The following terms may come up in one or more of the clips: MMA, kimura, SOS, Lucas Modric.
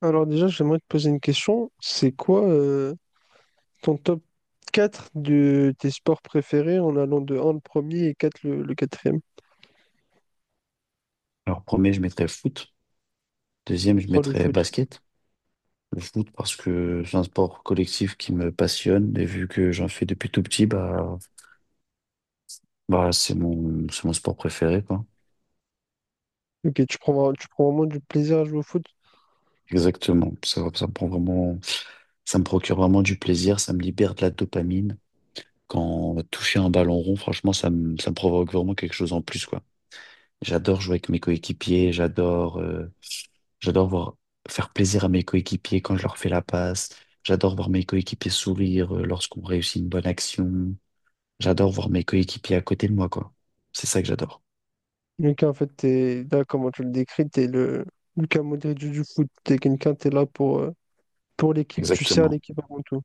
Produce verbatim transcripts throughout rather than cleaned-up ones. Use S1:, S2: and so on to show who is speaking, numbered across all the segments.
S1: Alors déjà, j'aimerais te poser une question. C'est quoi euh, ton top quatre de tes sports préférés en allant de un le premier et quatre le, le quatrième?
S2: Alors, premier, je mettrais foot. Deuxième, je
S1: Sur le
S2: mettrais
S1: foot.
S2: basket. Le foot parce que c'est un sport collectif qui me passionne et vu que j'en fais depuis tout petit, bah, bah, c'est mon, c'est mon sport préféré, quoi.
S1: Ok, tu prends, vra- tu prends vraiment du plaisir à jouer au foot.
S2: Exactement. Ça, ça me prend vraiment, ça me procure vraiment du plaisir, ça me libère de la dopamine. Quand toucher un ballon rond, franchement, ça me, ça me provoque vraiment quelque chose en plus, quoi. J'adore jouer avec mes coéquipiers, j'adore euh, j'adore voir faire plaisir à mes coéquipiers quand je leur fais la passe. J'adore voir mes coéquipiers sourire euh, lorsqu'on réussit une bonne action. J'adore voir mes coéquipiers à côté de moi, quoi. C'est ça que j'adore.
S1: Lucas, en fait, t'es là, comment tu le décris, t'es le Lucas Modric du du foot. T'es quelqu'un, t'es là pour, euh, pour l'équipe, tu sers
S2: Exactement,
S1: l'équipe avant tout.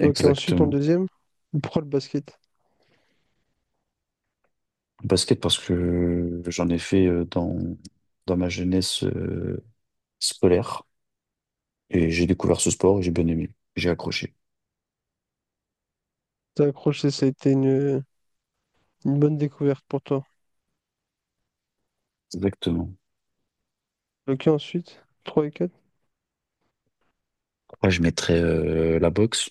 S1: Ok, ensuite, en deuxième, pourquoi le basket?
S2: Basket parce que j'en ai fait euh, dans dans ma jeunesse euh, scolaire, et j'ai découvert ce sport et j'ai bien aimé. J'ai accroché.
S1: T'as accroché, ça a été une, une bonne découverte pour toi.
S2: Exactement.
S1: Ok, ensuite, trois et quatre.
S2: Pourquoi je mettrais euh, la boxe?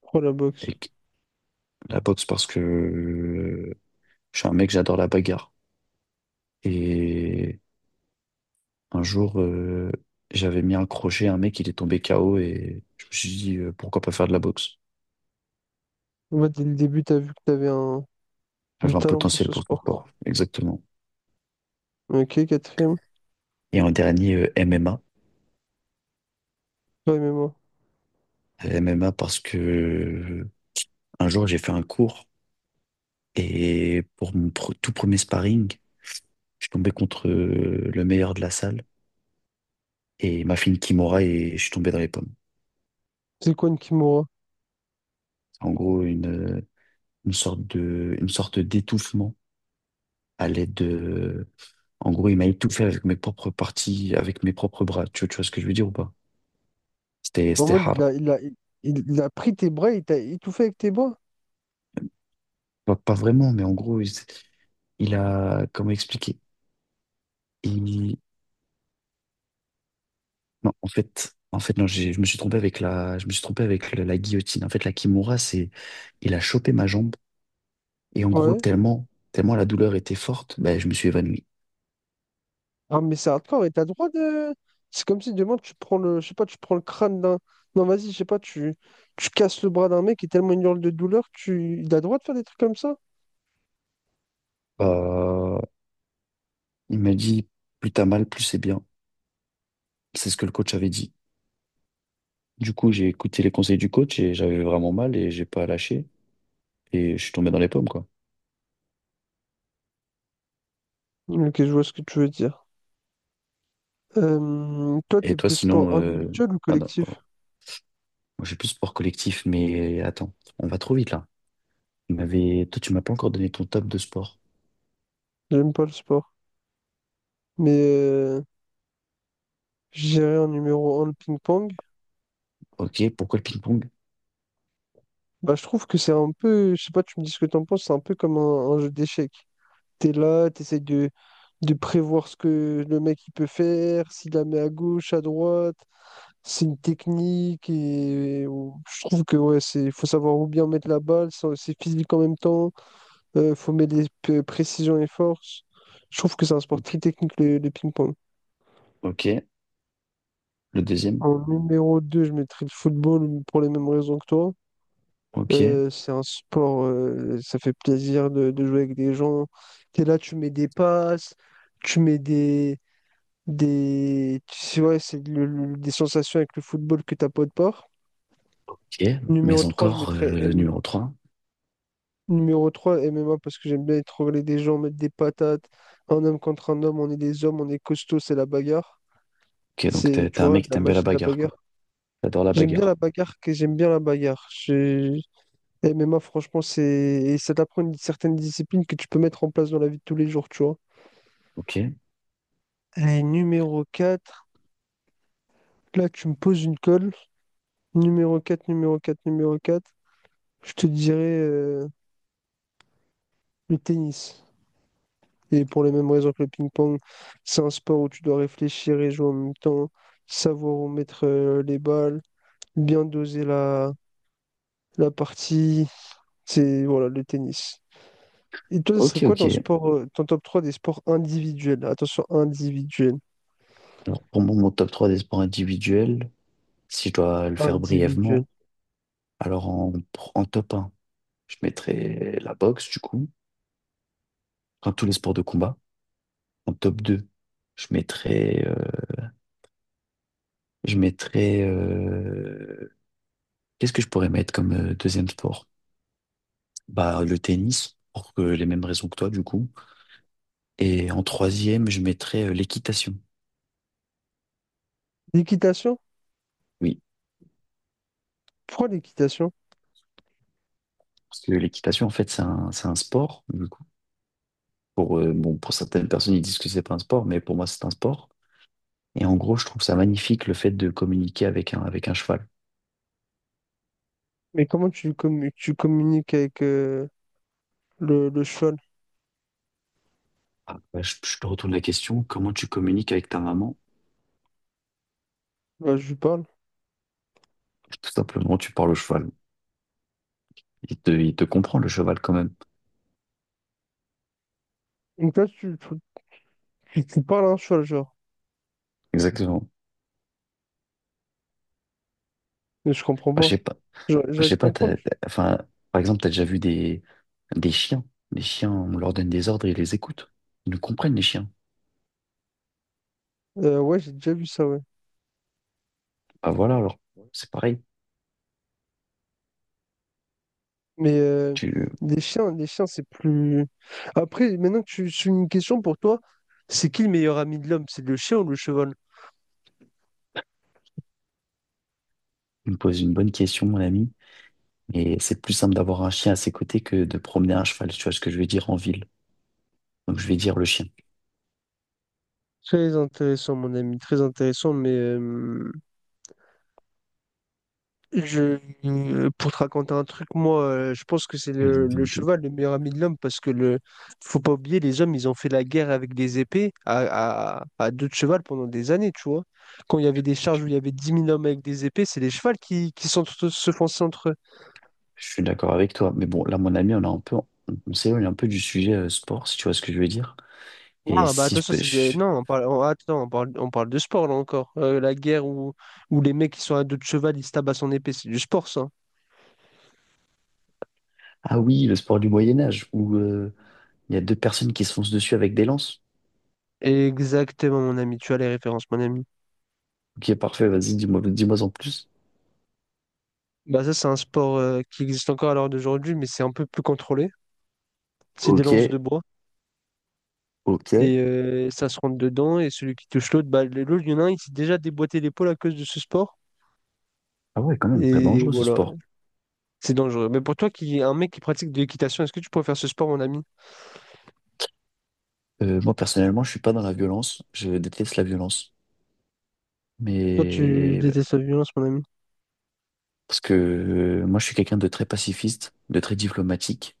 S1: trois la
S2: Et
S1: boxe.
S2: que- la boxe parce que je suis un mec, j'adore la bagarre. Et un jour, euh, j'avais mis un crochet un mec, il est tombé K O et je me suis dit, euh, pourquoi pas faire de la boxe?
S1: Moi, dès le début, t'as vu que t'avais un... du
S2: J'avais un
S1: talent pour
S2: potentiel
S1: ce
S2: pour ce
S1: sport, quoi.
S2: sport, exactement.
S1: Ok, quatrième,
S2: Et en dernier, euh, M M A.
S1: toi et moi.
S2: Euh, M M A parce que euh, un jour, j'ai fait un cours et pour mon pr- tout premier sparring, je suis tombé contre euh, le meilleur de la salle et il m'a fait une kimura et je suis tombé dans les pommes.
S1: C'est quoi une kimura?
S2: En gros, une, euh, une sorte de, une sorte d'étouffement à l'aide de... En gros, il m'a étouffé avec mes propres parties, avec mes propres bras. Tu, vois tu vois ce que je veux dire ou pas? C'était,
S1: En
S2: c'était
S1: mode, il
S2: hard.
S1: a, il a, il, il a pris tes bras, il t'a étouffé avec tes bras?
S2: Pas, pas vraiment, mais en gros, il, il a... Comment expliquer? Il... Non, en fait, en fait, non, j'ai- je me suis trompé avec la, je me suis trompé avec le- la guillotine. En fait, la kimura, c'est... Il a chopé ma jambe et en gros,
S1: Ouais.
S2: tellement, tellement la douleur était forte, ben, je me suis évanoui.
S1: Ah, mais c'est hardcore et t'as le droit de. C'est comme si demain tu prends le. Je sais pas, tu prends le crâne d'un. Non, vas-y, je sais pas, tu... tu casses le bras d'un mec et tellement il hurle de douleur, tu. Il a le droit de faire des trucs comme ça?
S2: Euh, il m'a dit, plus t'as mal, plus c'est bien. C'est ce que le coach avait dit. Du coup, j'ai écouté les conseils du coach et j'avais vraiment mal et j'ai pas lâché, et je suis tombé dans les pommes, quoi.
S1: Ok, je vois ce que tu veux dire. Euh, Toi,
S2: Et
S1: t'es
S2: toi,
S1: plus sport
S2: sinon, euh...
S1: individuel ou
S2: ah non,
S1: collectif?
S2: oh, moi, j'ai plus sport collectif, mais attends, on va trop vite là. Tu m'avais- Toi, tu m'as pas encore donné ton top de sport.
S1: J'aime pas le sport. Mais euh, je dirais en numéro un le ping-pong.
S2: Ok, pourquoi le ping-pong?
S1: Bah, je trouve que c'est un peu, je sais pas, tu me dis ce que t'en penses, c'est un peu comme un, un jeu d'échecs. T'es là, t'essayes de, de prévoir ce que le mec il peut faire, s'il la met à gauche, à droite, c'est une technique et, ou- je trouve que ouais, c'est, faut savoir où bien mettre la balle, c'est c'est physique en même temps, euh, faut mettre les p- précisions et forces. Je trouve que c'est un sport
S2: Ok,
S1: très technique le, le ping-pong.
S2: ok, le deuxième.
S1: En numéro deux je mettrais le football pour les mêmes raisons que toi.
S2: Ok,
S1: Euh, c'est un sport, euh, ça fait plaisir de, de jouer avec des gens. T'es là, tu mets des passes, tu mets des, des, tu sais, ouais, c'est le- le- des sensations avec le football que t'as pas de part.
S2: ok,
S1: Numéro
S2: mais
S1: trois je
S2: encore euh,
S1: mettrais
S2: le
S1: M-
S2: numéro trois.
S1: numéro trois M M A parce que j'aime bien étrangler des gens, mettre des patates. Un homme contre un homme, on est des hommes, on est costaud, c'est la bagarre.
S2: Ok, donc
S1: C'est,
S2: t'es
S1: tu
S2: t'es un
S1: vois,
S2: mec qui
S1: la
S2: t'aime bien
S1: magie
S2: la
S1: de la
S2: bagarre, quoi.
S1: bagarre.
S2: T'adores la
S1: J'aime bien la
S2: bagarre.
S1: bagarre, que j'aime bien la bagarre. Et M M A, franchement, c'est... et ça t'apprend une certaine discipline que tu peux mettre en place dans la vie de tous les jours, tu vois.
S2: Ok,
S1: Allez, numéro quatre. Là, tu me poses une colle. Numéro quatre numéro quatre numéro quatre je te dirais euh, le tennis. Et pour les mêmes raisons que le ping-pong, c'est un sport où tu dois réfléchir et jouer en même temps, savoir où mettre euh, les balles, bien doser la, la partie. C'est voilà, le tennis. Et toi, ce
S2: ok,
S1: serait quoi ton
S2: ok.
S1: sport, euh, ton top trois des sports individuels? Attention, individuels.
S2: Alors pour moi, mon top trois des sports individuels, si je dois le faire
S1: Individuels.
S2: brièvement, alors en, en top un je mettrais la boxe, du coup, enfin tous les sports de combat. En top deux, je mettrais, euh, je mettrais, euh, qu'est-ce que je pourrais mettre comme euh, deuxième sport? Bah, le tennis, pour que les mêmes raisons que toi, du coup. Et en troisième, je mettrais euh, l'équitation.
S1: L'équitation?
S2: Oui,
S1: Pourquoi l'équitation?
S2: parce que l'équitation, en fait, c'est un, c'est un sport, du coup. Pour, euh, bon, pour certaines personnes, ils disent que c'est pas un sport, mais pour moi, c'est un sport. Et en gros, je trouve ça magnifique le fait de communiquer avec un, avec un cheval.
S1: Mais comment tu, commu- tu communiques avec euh, le, le cheval?
S2: Ah, bah, je, je te retourne la question, comment tu communiques avec ta maman?
S1: Là, je lui parle.
S2: Tout simplement, tu parles au cheval. Il te, il te comprend, le cheval, quand même.
S1: Donc là, tu, tu, tu- tu parles à un cheval, genre.
S2: Exactement.
S1: Mais je comprends
S2: Enfin, je
S1: pas.
S2: sais pas. Enfin,
S1: Genre,
S2: je
S1: j'arrive
S2: sais
S1: de
S2: pas,
S1: comprendre.
S2: t'as- t'as- enfin, par exemple, tu as déjà vu des, des chiens. Les chiens, on leur donne des ordres et ils les écoutent. Ils nous comprennent, les chiens.
S1: Euh, ouais, j'ai déjà vu ça, ouais.
S2: Bah voilà, alors, c'est pareil.
S1: Mais euh,
S2: Tu
S1: les chiens, les chiens, c'est plus. Après, maintenant que tu suis une question pour toi, c'est qui le meilleur ami de l'homme? C'est le chien ou le cheval?
S2: tu me poses une bonne question, mon ami. Et c'est plus simple d'avoir un chien à ses côtés que de promener un cheval. Tu vois ce que je veux dire, en ville. Donc, je vais dire le chien.
S1: Très intéressant, mon ami, très intéressant. Mais euh, je, euh, pour te raconter un truc, moi, euh, je pense que c'est
S2: Vas-y,
S1: le, le
S2: dis-moi tout.
S1: cheval le meilleur ami de l'homme parce que le, faut pas oublier, les hommes, ils ont fait la guerre avec des épées à, à, à deux de cheval pendant des années, tu vois. Quand il y avait des charges où il y avait dix mille hommes avec des épées, c'est les chevals qui, qui s'entre- se fonçaient entre eux.
S2: Je suis d'accord avec toi. Mais bon, là, mon ami, on a un peu, on, on s'éloigne un peu du sujet euh, sport, si tu vois ce que je veux dire. Et
S1: Ah, bah
S2: si je
S1: attention,
S2: peux.
S1: c'est des...
S2: je-
S1: Non, on parle... on- Attends, on parle... on parle de sport là encore. Euh, la guerre où... où les mecs qui sont à dos de cheval, ils se tapent à son épée, c'est du sport ça.
S2: Ah oui, le sport du Moyen-Âge, où il y a deux personnes qui se foncent dessus avec des lances.
S1: Exactement, mon ami, tu as les références, mon ami.
S2: Ok, parfait, vas-y, dis-moi, dis-moi en plus.
S1: Bah ça, c'est un sport euh, qui existe encore à l'heure d'aujourd'hui, mais c'est un peu plus contrôlé. C'est des
S2: Ok,
S1: lances de bois
S2: ok.
S1: et euh, ça se rentre dedans et celui qui touche l'autre, bah le- l'autre, il y en a un, il s'est déjà déboîté l'épaule à cause de ce sport.
S2: Ah ouais, quand même, très
S1: Et
S2: dangereux ce
S1: voilà,
S2: sport.
S1: c'est dangereux. Mais pour toi, qui un mec qui pratique de l'équitation, est-ce que tu pourrais faire ce sport, mon ami?
S2: Euh, moi, personnellement, je suis pas dans la violence. Je déteste la violence.
S1: Toi, tu
S2: Mais
S1: détestes la violence, mon ami.
S2: parce que euh, moi, je suis quelqu'un de très pacifiste, de très diplomatique.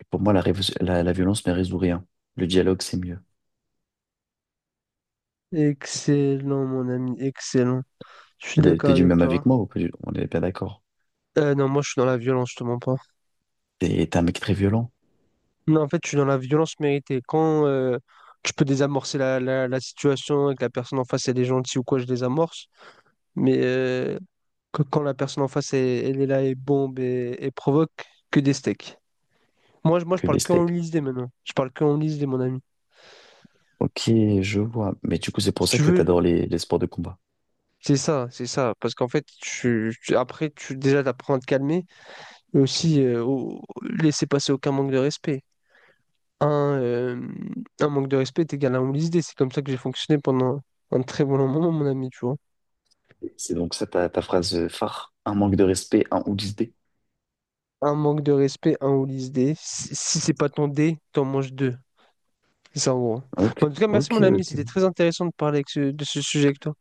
S2: Et pour moi, la, révo- la, la violence ne résout rien. Le dialogue, c'est mieux.
S1: Excellent, mon ami, excellent. Je suis
S2: T'es
S1: d'accord
S2: t'es du
S1: avec
S2: même avec
S1: toi.
S2: moi ou pas du- On est bien d'accord.
S1: Euh, non, moi, je suis dans la violence, je te mens pas.
S2: T'es t'es un mec très violent,
S1: Non, en fait, je suis dans la violence méritée. Quand euh, je peux désamorcer la, la, la situation et que la personne en face, elle est gentille ou quoi, je désamorce. Mais euh, que- quand la personne en face, elle, elle est là et bombe et, et provoque, que des steaks. Moi, je, moi, je
S2: que
S1: parle
S2: des
S1: que en
S2: steaks.
S1: lisdé maintenant. Je parle que en lisdé, mon ami.
S2: Ok, je vois. Mais du coup, c'est
S1: Si
S2: pour ça
S1: tu
S2: que
S1: veux,
S2: t'adores les, les sports de combat.
S1: c'est ça, c'est ça. Parce qu'en fait, tu, tu- après, tu déjà, t'apprends à te calmer. Mais aussi, euh, au- laisser passer aucun manque de respect. un, euh, un manque de respect est égal à un holisdé. C'est comme ça que j'ai fonctionné pendant un très bon moment, mon ami, tu vois.
S2: C'est donc ça ta, ta phrase phare, un manque de respect, un ou dix dés.
S1: Un manque de respect, un holisdé. Si, si c'est pas ton dé, t'en manges deux. C'est ça, en gros.
S2: Ok,
S1: Bon, en tout cas, merci,
S2: ok,
S1: mon ami.
S2: ok.
S1: C'était très intéressant de parler avec ce- de ce sujet avec toi.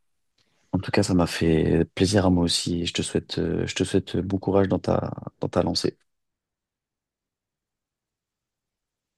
S2: En tout cas, ça m'a fait plaisir à moi aussi. Je te souhaite, euh, je te souhaite bon courage dans ta, dans ta lancée.